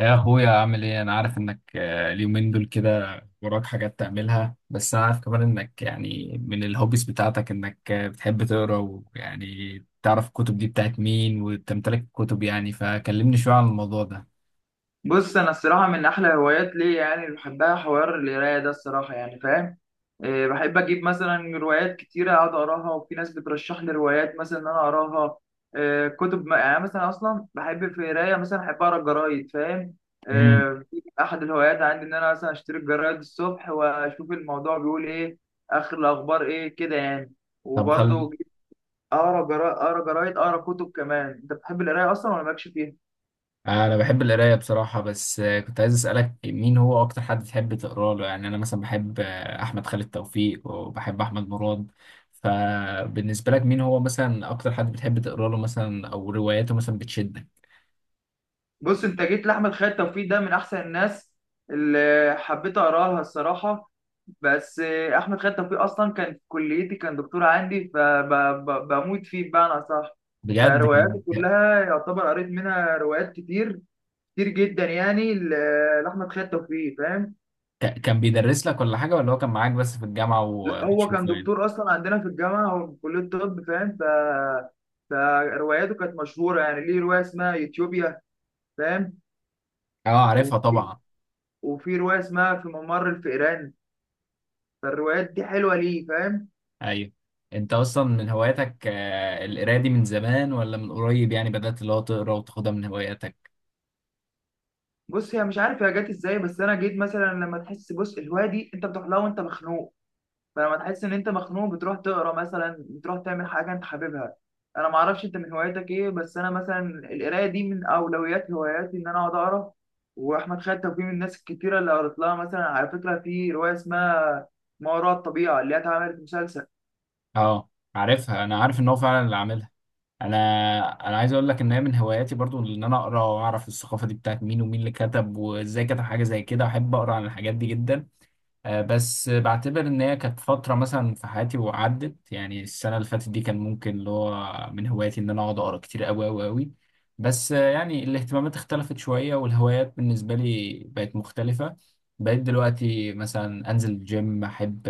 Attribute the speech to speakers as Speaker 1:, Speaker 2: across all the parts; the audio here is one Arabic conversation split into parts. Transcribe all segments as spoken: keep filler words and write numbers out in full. Speaker 1: يا اخويا، عامل ايه؟ انا عارف انك آه، اليومين دول كده وراك حاجات تعملها، بس انا عارف كمان انك يعني من الهوبيز بتاعتك انك آه، بتحب تقرا ويعني تعرف الكتب دي بتاعت مين وتمتلك الكتب، يعني فكلمني شوية عن الموضوع ده.
Speaker 2: بص، انا الصراحه من احلى هوايات ليا يعني اللي بحبها حوار القرايه ده الصراحه، يعني فاهم إيه. بحب اجيب مثلا روايات كتيره اقعد اقراها، وفي ناس بترشح لي روايات مثلا ان انا اقراها إيه. كتب ما- يعني مثلا اصلا بحب في قرايه، مثلا احب اقرا الجرايد فاهم
Speaker 1: امم.
Speaker 2: إيه. في احد الهوايات عندي ان انا مثلا اشتري الجرايد الصبح واشوف الموضوع بيقول ايه، اخر الاخبار ايه كده يعني.
Speaker 1: طب، خل
Speaker 2: وبرضه اقرا جرا- اقرا جرايد، اقرا كتب. كمان انت بتحب القرايه اصلا ولا مالكش فيها؟
Speaker 1: انا بحب القراية بصراحة، بس آه، كنت عايز اسألك مين هو اكتر حد تحب تقرا له. يعني انا مثلا بحب آه، احمد خالد توفيق، وبحب احمد مراد. فبالنسبة لك مين هو مثلا اكتر حد بتحب تقرا له مثلا، او رواياته مثلا بتشدك؟
Speaker 2: بص، انت جيت لاحمد خالد توفيق، ده من احسن الناس اللي حبيت اقرا لها الصراحه. بس آه، احمد خالد توفيق اصلا كان في كليتي، كان دكتور عندي، فبموت فيه بمعنى صح.
Speaker 1: بجد كان؟
Speaker 2: فرواياته كلها يعتبر قريت منها روايات كتير، كتير جدا يعني، ل- لاحمد خالد توفيق فاهم.
Speaker 1: ك- كان بيدرس لك ولا حاجة، ولا هو كان معاك بس في الجامعة
Speaker 2: لا، هو كان
Speaker 1: وبتشوفه يعني؟
Speaker 2: دكتور اصلا عندنا في الجامعه، هو في كليه الطب فاهم. ف- فرواياته كانت مشهوره، يعني ليه روايه اسمها يوتيوبيا فاهم.
Speaker 1: اه، عارفها
Speaker 2: وفي
Speaker 1: طبعا.
Speaker 2: وفي روايه اسمها في ممر الفئران. فالروايات دي حلوه ليه فاهم.
Speaker 1: ايوه. انت اصلا من هواياتك آه، القراية دي من زمان ولا من قريب؟ يعني بدأت اللي هو تقرا وتاخدها من هواياتك؟
Speaker 2: بص، هي مش عارف هي جت ازاي، بس انا جيت مثلا لما تحس، بص الهوايه دي انت بتروح لها وانت مخنوق. فلما تحس ان انت مخنوق بتروح تقرا مثلا، بتروح تعمل حاجه انت حاببها. انا ما اعرفش انت من هواياتك ايه، بس انا مثلا القرايه دي من اولويات هواياتي، ان انا اقعد اقرا. واحمد خالد توفيق من الناس الكتيره اللي قريت لها، مثلا على فكره في روايه اسمها ما وراء الطبيعه اللي هي اتعملت مسلسل.
Speaker 1: اه، عارفها، انا عارف ان هو فعلا اللي عاملها. انا انا عايز اقول لك ان هي من هواياتي برضو، ان انا اقرا واعرف الثقافة دي بتاعت مين، ومين اللي كتب وازاي كتب. حاجة زي كده احب اقرا عن الحاجات دي جدا. آه، بس بعتبر ان هي كانت فتره مثلا في حياتي وعدت. يعني السنه اللي فاتت دي كان ممكن اللي هو من هواياتي ان انا اقعد اقرا كتير قوي قوي قوي. بس آه، يعني الاهتمامات اختلفت شويه، والهوايات بالنسبه لي بقت مختلفه. بقيت دلوقتي مثلا انزل الجيم، احب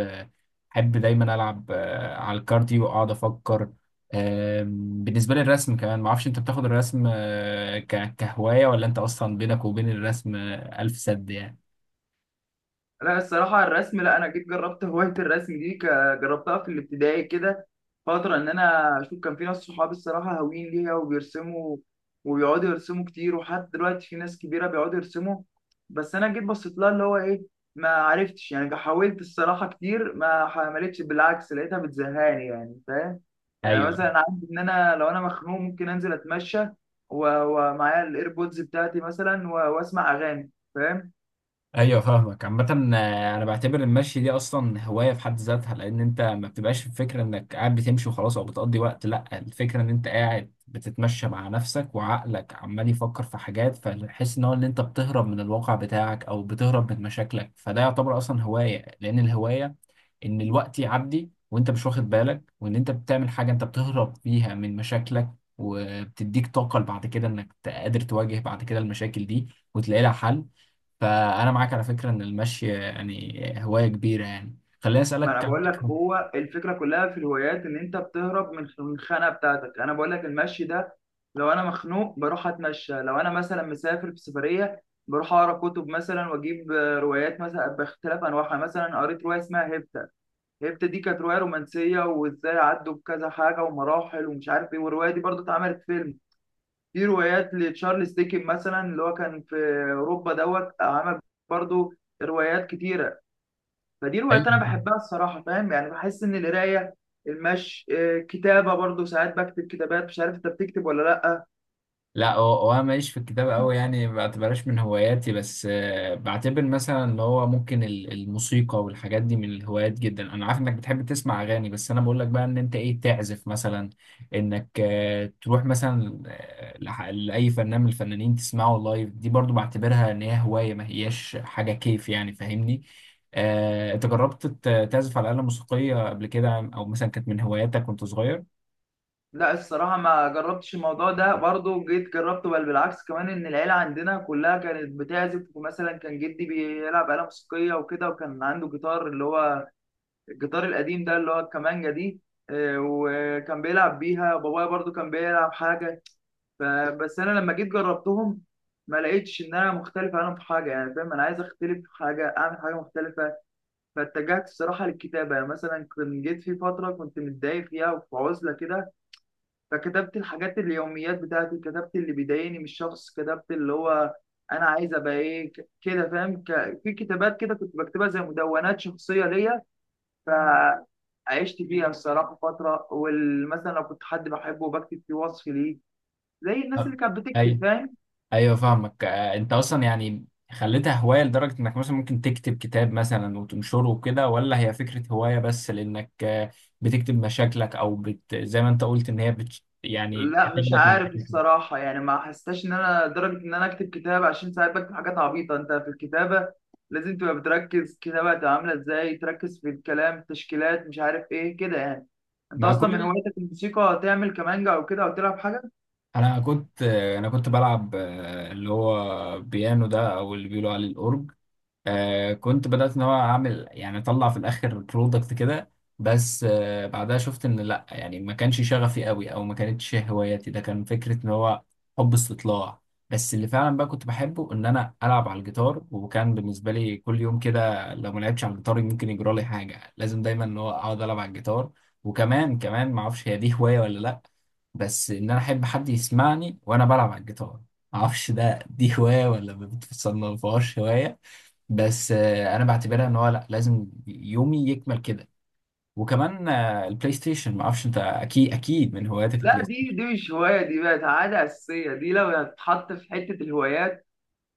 Speaker 1: احب دايما العب آه، على الكارديو واقعد افكر. آم، بالنسبه لي الرسم كمان، معرفش انت بتاخد الرسم آه، ك- كهوايه، ولا انت اصلا بينك وبين الرسم آه، الف سد يعني؟
Speaker 2: لا الصراحة الرسم، لا، أنا جيت جربت هواية الرسم دي، ك- جربتها في الابتدائي كده فترة، إن أنا أشوف كان في ناس صحابي الصراحة هاويين ليها وبيرسموا، وبيقعدوا يرسموا كتير، وحتى دلوقتي في ناس كبيرة بيقعدوا يرسموا. بس أنا جيت بصيت لها، اللي هو إيه، ما عرفتش يعني. حاولت الصراحة كتير، ما حملتش، بالعكس لقيتها بتزهقني يعني فاهم. يعني
Speaker 1: ايوه،
Speaker 2: مثلا عندي إن أنا لو أنا مخنوق ممكن أنزل أتمشى، و- ومعايا الإيربودز بتاعتي مثلا، و- وأسمع أغاني فاهم.
Speaker 1: ايوه، فاهمك. عامة، آه، انا بعتبر المشي دي اصلا هواية في حد ذاتها، لان انت ما بتبقاش الفكرة انك قاعد بتمشي وخلاص او بتقضي وقت. لا، الفكرة ان انت قاعد بتتمشى مع نفسك وعقلك عمال يفكر في حاجات، فتحس ان هو ان انت بتهرب من الواقع بتاعك، او بتهرب من مشاكلك. فده يعتبر اصلا هواية، لان الهواية ان الوقت يعدي وانت مش واخد بالك، وان انت بتعمل حاجة انت بتهرب فيها من مشاكلك، وبتديك طاقة بعد كده انك قادر تواجه بعد كده المشاكل دي وتلاقي لها حل. فانا معاك على فكره ان المشي يعني هوايه كبيره. يعني خليني
Speaker 2: ما انا
Speaker 1: اسالك،
Speaker 2: بقول
Speaker 1: عندك؟
Speaker 2: لك، هو الفكره كلها في الهوايات ان انت بتهرب من من الخنقه بتاعتك. انا بقول لك المشي ده، لو انا مخنوق بروح اتمشى، لو انا مثلا مسافر في سفريه بروح اقرا كتب مثلا، واجيب آه، روايات مثلا باختلاف انواعها. مثلا قريت روايه اسمها هيبتا، هيبتا دي كانت روايه رومانسيه، وازاي عدوا بكذا حاجه ومراحل ومش عارف ايه، والروايه دي برضو اتعملت فيلم. في روايات لتشارلز ديكن مثلا، اللي هو كان في اوروبا دوت عمل برضو روايات كتيره. فدي روايات انا
Speaker 1: ايوه.
Speaker 2: بحبها الصراحه فاهم. يعني بحس ان القرايه، المشي، آه، كتابه برضو ساعات بكتب كتابات، مش عارف انت بتكتب ولا لا.
Speaker 1: لا، هو هو انا ماليش في الكتابة قوي، يعني ما بعتبرهاش من هواياتي. بس آه، بعتبر مثلا اللي هو ممكن ال- الموسيقى والحاجات دي من الهوايات جدا. انا عارف انك بتحب تسمع اغاني، بس انا بقول لك بقى ان انت ايه، تعزف مثلا؟ انك آه، تروح مثلا آه، لح- لاي فنان من الفنانين تسمعه لايف. دي برضو بعتبرها ان هي هواية، ما هياش حاجة كيف، يعني فاهمني؟ آه، انت جربت ت- تعزف على آلة موسيقية قبل كده، او مثلا كانت من هواياتك وانت صغير؟
Speaker 2: لا الصراحه ما جربتش الموضوع ده برضو، جيت جربته، بل بالعكس كمان ان العيله عندنا كلها كانت بتعزف، ومثلا كان جدي بيلعب آلة موسيقيه وكده، وكان عنده جيتار اللي هو الجيتار القديم ده، اللي هو الكمانجه دي. آه، وكان بيلعب بيها بابايا، برضو كان بيلعب حاجه. فبس انا لما جيت جربتهم ما لقيتش ان انا مختلف عنهم في حاجه يعني فاهم. انا عايز اختلف في حاجه، اعمل حاجه مختلفه. فاتجهت الصراحه للكتابه. يعني مثلا كنت جيت في فتره كنت متضايق فيها وفي عزله كده، فكتبت الحاجات اليوميات بتاعتي، كتبت اللي بيضايقني من الشخص، كتبت اللي هو انا عايز ابقى ايه ك- كده فاهم. ك- في كتابات كده كنت بكتبها زي مدونات شخصيه ليا، ف عشت فيها الصراحه فتره. ومثلا لو كنت حد بحبه بكتب فيه وصف ليه، زي الناس
Speaker 1: أه.
Speaker 2: اللي كانت بتكتب
Speaker 1: أيوة.
Speaker 2: فاهم.
Speaker 1: ايوه، فاهمك. آه، انت اصلا يعني خليتها هوايه لدرجه انك مثلا ممكن تكتب كتاب مثلا وتنشره وكده، ولا هي فكره هوايه بس لانك آه، بتكتب مشاكلك، او بت... زي ما انت قلت ان هي بت... يعني
Speaker 2: لا مش
Speaker 1: بتاخدك من
Speaker 2: عارف
Speaker 1: مشاكلك؟
Speaker 2: الصراحة، يعني ما حسيتش إن أنا درجة إن أنا أكتب كتاب، عشان ساعات بكتب حاجات عبيطة. أنت في الكتابة لازم تبقى بتركز، كتابة هتبقى عاملة إزاي، تركز في الكلام، تشكيلات، مش عارف إيه كده يعني. أنت
Speaker 1: مع
Speaker 2: أصلا
Speaker 1: كل
Speaker 2: من
Speaker 1: ده،
Speaker 2: هوايتك الموسيقى، تعمل كمانجا أو كده أو تلعب حاجة؟
Speaker 1: انا كنت آه، انا كنت بلعب آه، اللي هو بيانو ده، او اللي بيقولوا عليه الاورج. آه كنت بدأت ان هو اعمل يعني اطلع في الاخر برودكت كده. بس آه بعدها شفت ان لا، يعني ما كانش شغفي قوي، او ما كانتش هواياتي. ده كان فكرة ان هو حب استطلاع. بس اللي فعلا بقى كنت بحبه ان انا العب على الجيتار، وكان بالنسبة لي كل يوم كده لو ما لعبتش على الجيتار ممكن يجرى لي حاجة، لازم دايما ان هو اقعد العب على الجيتار. وكمان كمان ما اعرفش هي دي هواية ولا لا، بس ان انا احب حد يسمعني وانا بلعب على الجيتار. ما اعرفش ده دي هواية ولا ما بتصنفهاش هواية، بس آه، انا بعتبرها ان هو لا، لازم يومي يكمل كده. وكمان آه، البلاي ستيشن، ما اعرفش انت اكيد اكيد من هواياتك
Speaker 2: لا
Speaker 1: البلاي
Speaker 2: دي
Speaker 1: ستيشن؟
Speaker 2: دي مش هواية، دي بقت عادة أساسية. دي لو هتتحط في حتة الهوايات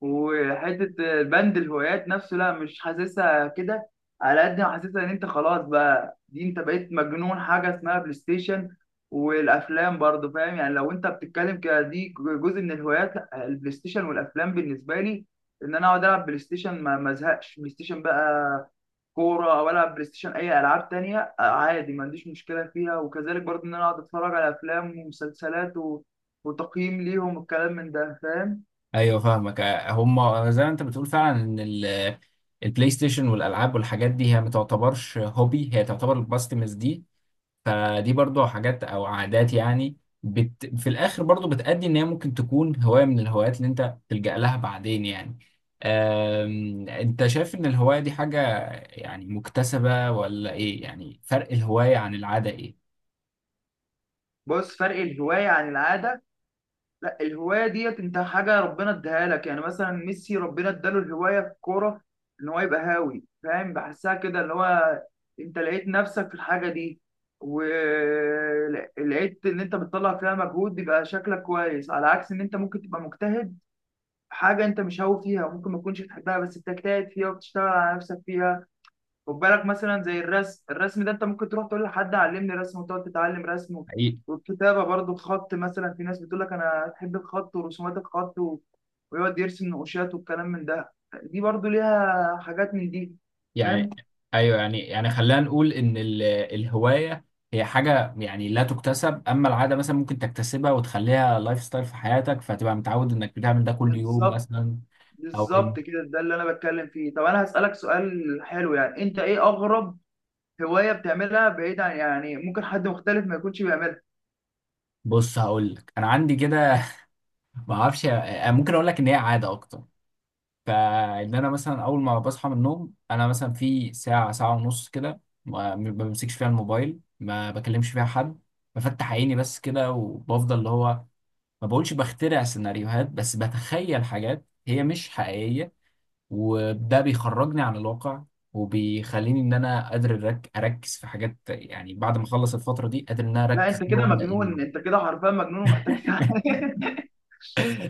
Speaker 2: وحته بند الهوايات نفسه، لا مش حاسسها كده، على قد ما حاسسها ان انت خلاص بقى، دي انت بقيت مجنون حاجه اسمها بلاي ستيشن، والافلام برضه فاهم. يعني لو انت بتتكلم كده دي جزء من الهوايات، لا، البلاي ستيشن والافلام بالنسبه لي ان انا اقعد العب بلاي ستيشن، ما ما ازهقش بلاي ستيشن بقى، كوره او العب بلاي ستيشن، اي العاب تانية آه، عادي ما عنديش مشكله فيها. وكذلك برضه ان انا اقعد اتفرج على افلام ومسلسلات و... وتقييم ليهم، والكلام من ده فاهم.
Speaker 1: ايوه، فاهمك. آه، هم زي ما انت بتقول فعلا ان ال- البلاي ستيشن والالعاب والحاجات دي هي ما تعتبرش هوبي، هي تعتبر الباستمز دي. فدي برضو حاجات او عادات، يعني بت... في الاخر برضو بتأدي ان هي ممكن تكون هواية من الهوايات اللي انت تلجأ لها بعدين يعني. أم... انت شايف ان الهواية دي حاجة يعني مكتسبة ولا ايه؟ يعني فرق الهواية عن العادة ايه؟
Speaker 2: بص، فرق الهواية عن العادة، لا الهواية ديت انت حاجة ربنا اداها لك. يعني مثلا ميسي ربنا اداله الهواية في الكورة، ان هو يبقى هاوي فاهم. بحسها كده، اللي هو انت لقيت نفسك في الحاجة دي، ولقيت ان انت بتطلع فيها مجهود يبقى شكلك كويس، على عكس ان انت ممكن تبقى مجتهد في حاجة انت مش هاوي فيها، ممكن ما تكونش بتحبها بس بتجتهد فيها وبتشتغل على نفسك فيها. خد بالك مثلا زي الرسم، الرسم ده انت ممكن تروح تقول لحد علمني رسم وتقعد تتعلم رسم و-
Speaker 1: حقيقي.
Speaker 2: والكتابه برضو، الخط مثلا في ناس بتقول لك انا احب الخط ورسومات الخط و... ويقعد يرسم نقوشات والكلام من ده. دي برضو ليها حاجات من دي فاهم.
Speaker 1: يعني ايوه، يعني يعني خلينا نقول ان ال... الهواية هي حاجة يعني لا تكتسب، اما العادة مثلا ممكن تكتسبها وتخليها لايف ستايل في حياتك، فتبقى متعود انك بتعمل ده كل يوم
Speaker 2: بالظبط،
Speaker 1: مثلا. او ان
Speaker 2: بالظبط كده، ده اللي انا بتكلم فيه. طب انا هسألك سؤال حلو، يعني انت ايه اغرب هواية بتعملها بعيد عن، يعني ممكن حد مختلف ما يكونش بيعملها؟
Speaker 1: بص هقول لك، انا عندي كده، ما اعرفش، ممكن اقول لك ان هي عاده اكتر. فان انا مثلا اول ما بصحى من النوم انا مثلا في ساعه ساعه ونص كده ما ما بمسكش فيها الموبايل، ما بكلمش فيها حد، بفتح عيني بس كده، وبفضل اللي هو ما بقولش بخترع سيناريوهات، بس بتخيل حاجات هي مش حقيقيه، وده بيخرجني عن الواقع وبيخليني ان انا قادر أرك- اركز في حاجات. يعني بعد ما اخلص الفتره دي قادر ان انا
Speaker 2: لا
Speaker 1: اركز
Speaker 2: انت
Speaker 1: اللي هو
Speaker 2: كده
Speaker 1: ابدا
Speaker 2: مجنون،
Speaker 1: يومي.
Speaker 2: انت كده حرفيا مجنون ومحتاج ساعة.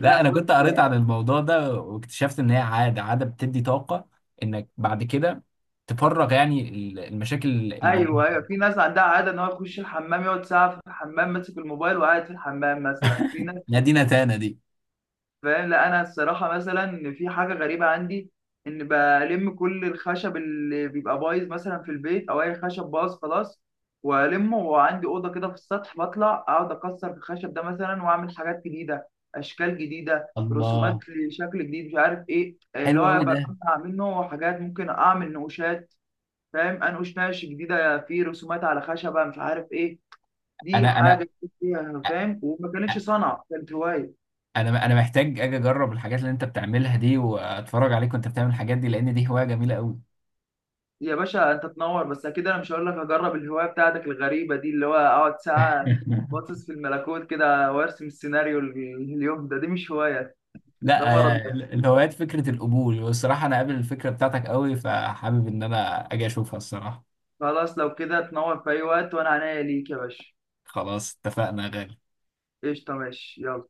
Speaker 2: لا
Speaker 1: انا كنت
Speaker 2: بص،
Speaker 1: قريت عن الموضوع ده واكتشفت ان هي عاده، عاده بتدي طاقه انك بعد كده تفرغ يعني ال- المشاكل اللي موجوده.
Speaker 2: ايوه ايوه، في ناس عندها عاده ان هو يخش الحمام يقعد ساعه في الحمام ماسك الموبايل وقاعد في الحمام مثلا، في ناس
Speaker 1: نادينا تانا دي.
Speaker 2: فاهم. لا انا الصراحه مثلا إن في حاجه غريبه عندي، ان بلم كل الخشب اللي بيبقى بايظ مثلا في البيت، او اي خشب باظ خلاص والمه، وعندي اوضه كده في السطح بطلع اقعد اكسر في الخشب ده مثلا واعمل حاجات جديده، اشكال جديده، رسومات
Speaker 1: الله،
Speaker 2: لشكل جديد مش عارف ايه،
Speaker 1: حلو
Speaker 2: اللي هو
Speaker 1: قوي ده.
Speaker 2: بجمع منه حاجات ممكن اعمل نقوشات فاهم. انقش نقش جديده في رسومات على خشبه مش عارف ايه، دي
Speaker 1: انا
Speaker 2: حاجه
Speaker 1: انا
Speaker 2: جديدة فيها فاهم، وما كانتش صنعه كانت هوايه.
Speaker 1: انا انا محتاج اجي اجرب الحاجات اللي انت بتعملها دي، واتفرج عليك وانت بتعمل الحاجات دي، لان دي هوايه جميله قوي.
Speaker 2: يا باشا انت تنور، بس اكيد انا مش هقول لك هجرب الهوايه بتاعتك الغريبه دي، اللي هو اقعد ساعه باصص في الملكوت كده وارسم السيناريو ال- اليوم ده، دي مش هوايه، ده
Speaker 1: لا،
Speaker 2: مرض
Speaker 1: آه،
Speaker 2: بس.
Speaker 1: الهوايات فكره القبول، والصراحه انا قابل الفكره بتاعتك قوي، فحابب ان انا اجي اشوفها الصراحه.
Speaker 2: خلاص لو كده تنور في اي وقت، وانا عنيا ليك يا باشا.
Speaker 1: خلاص اتفقنا يا غالي.
Speaker 2: قشطه، ماشي، يلا.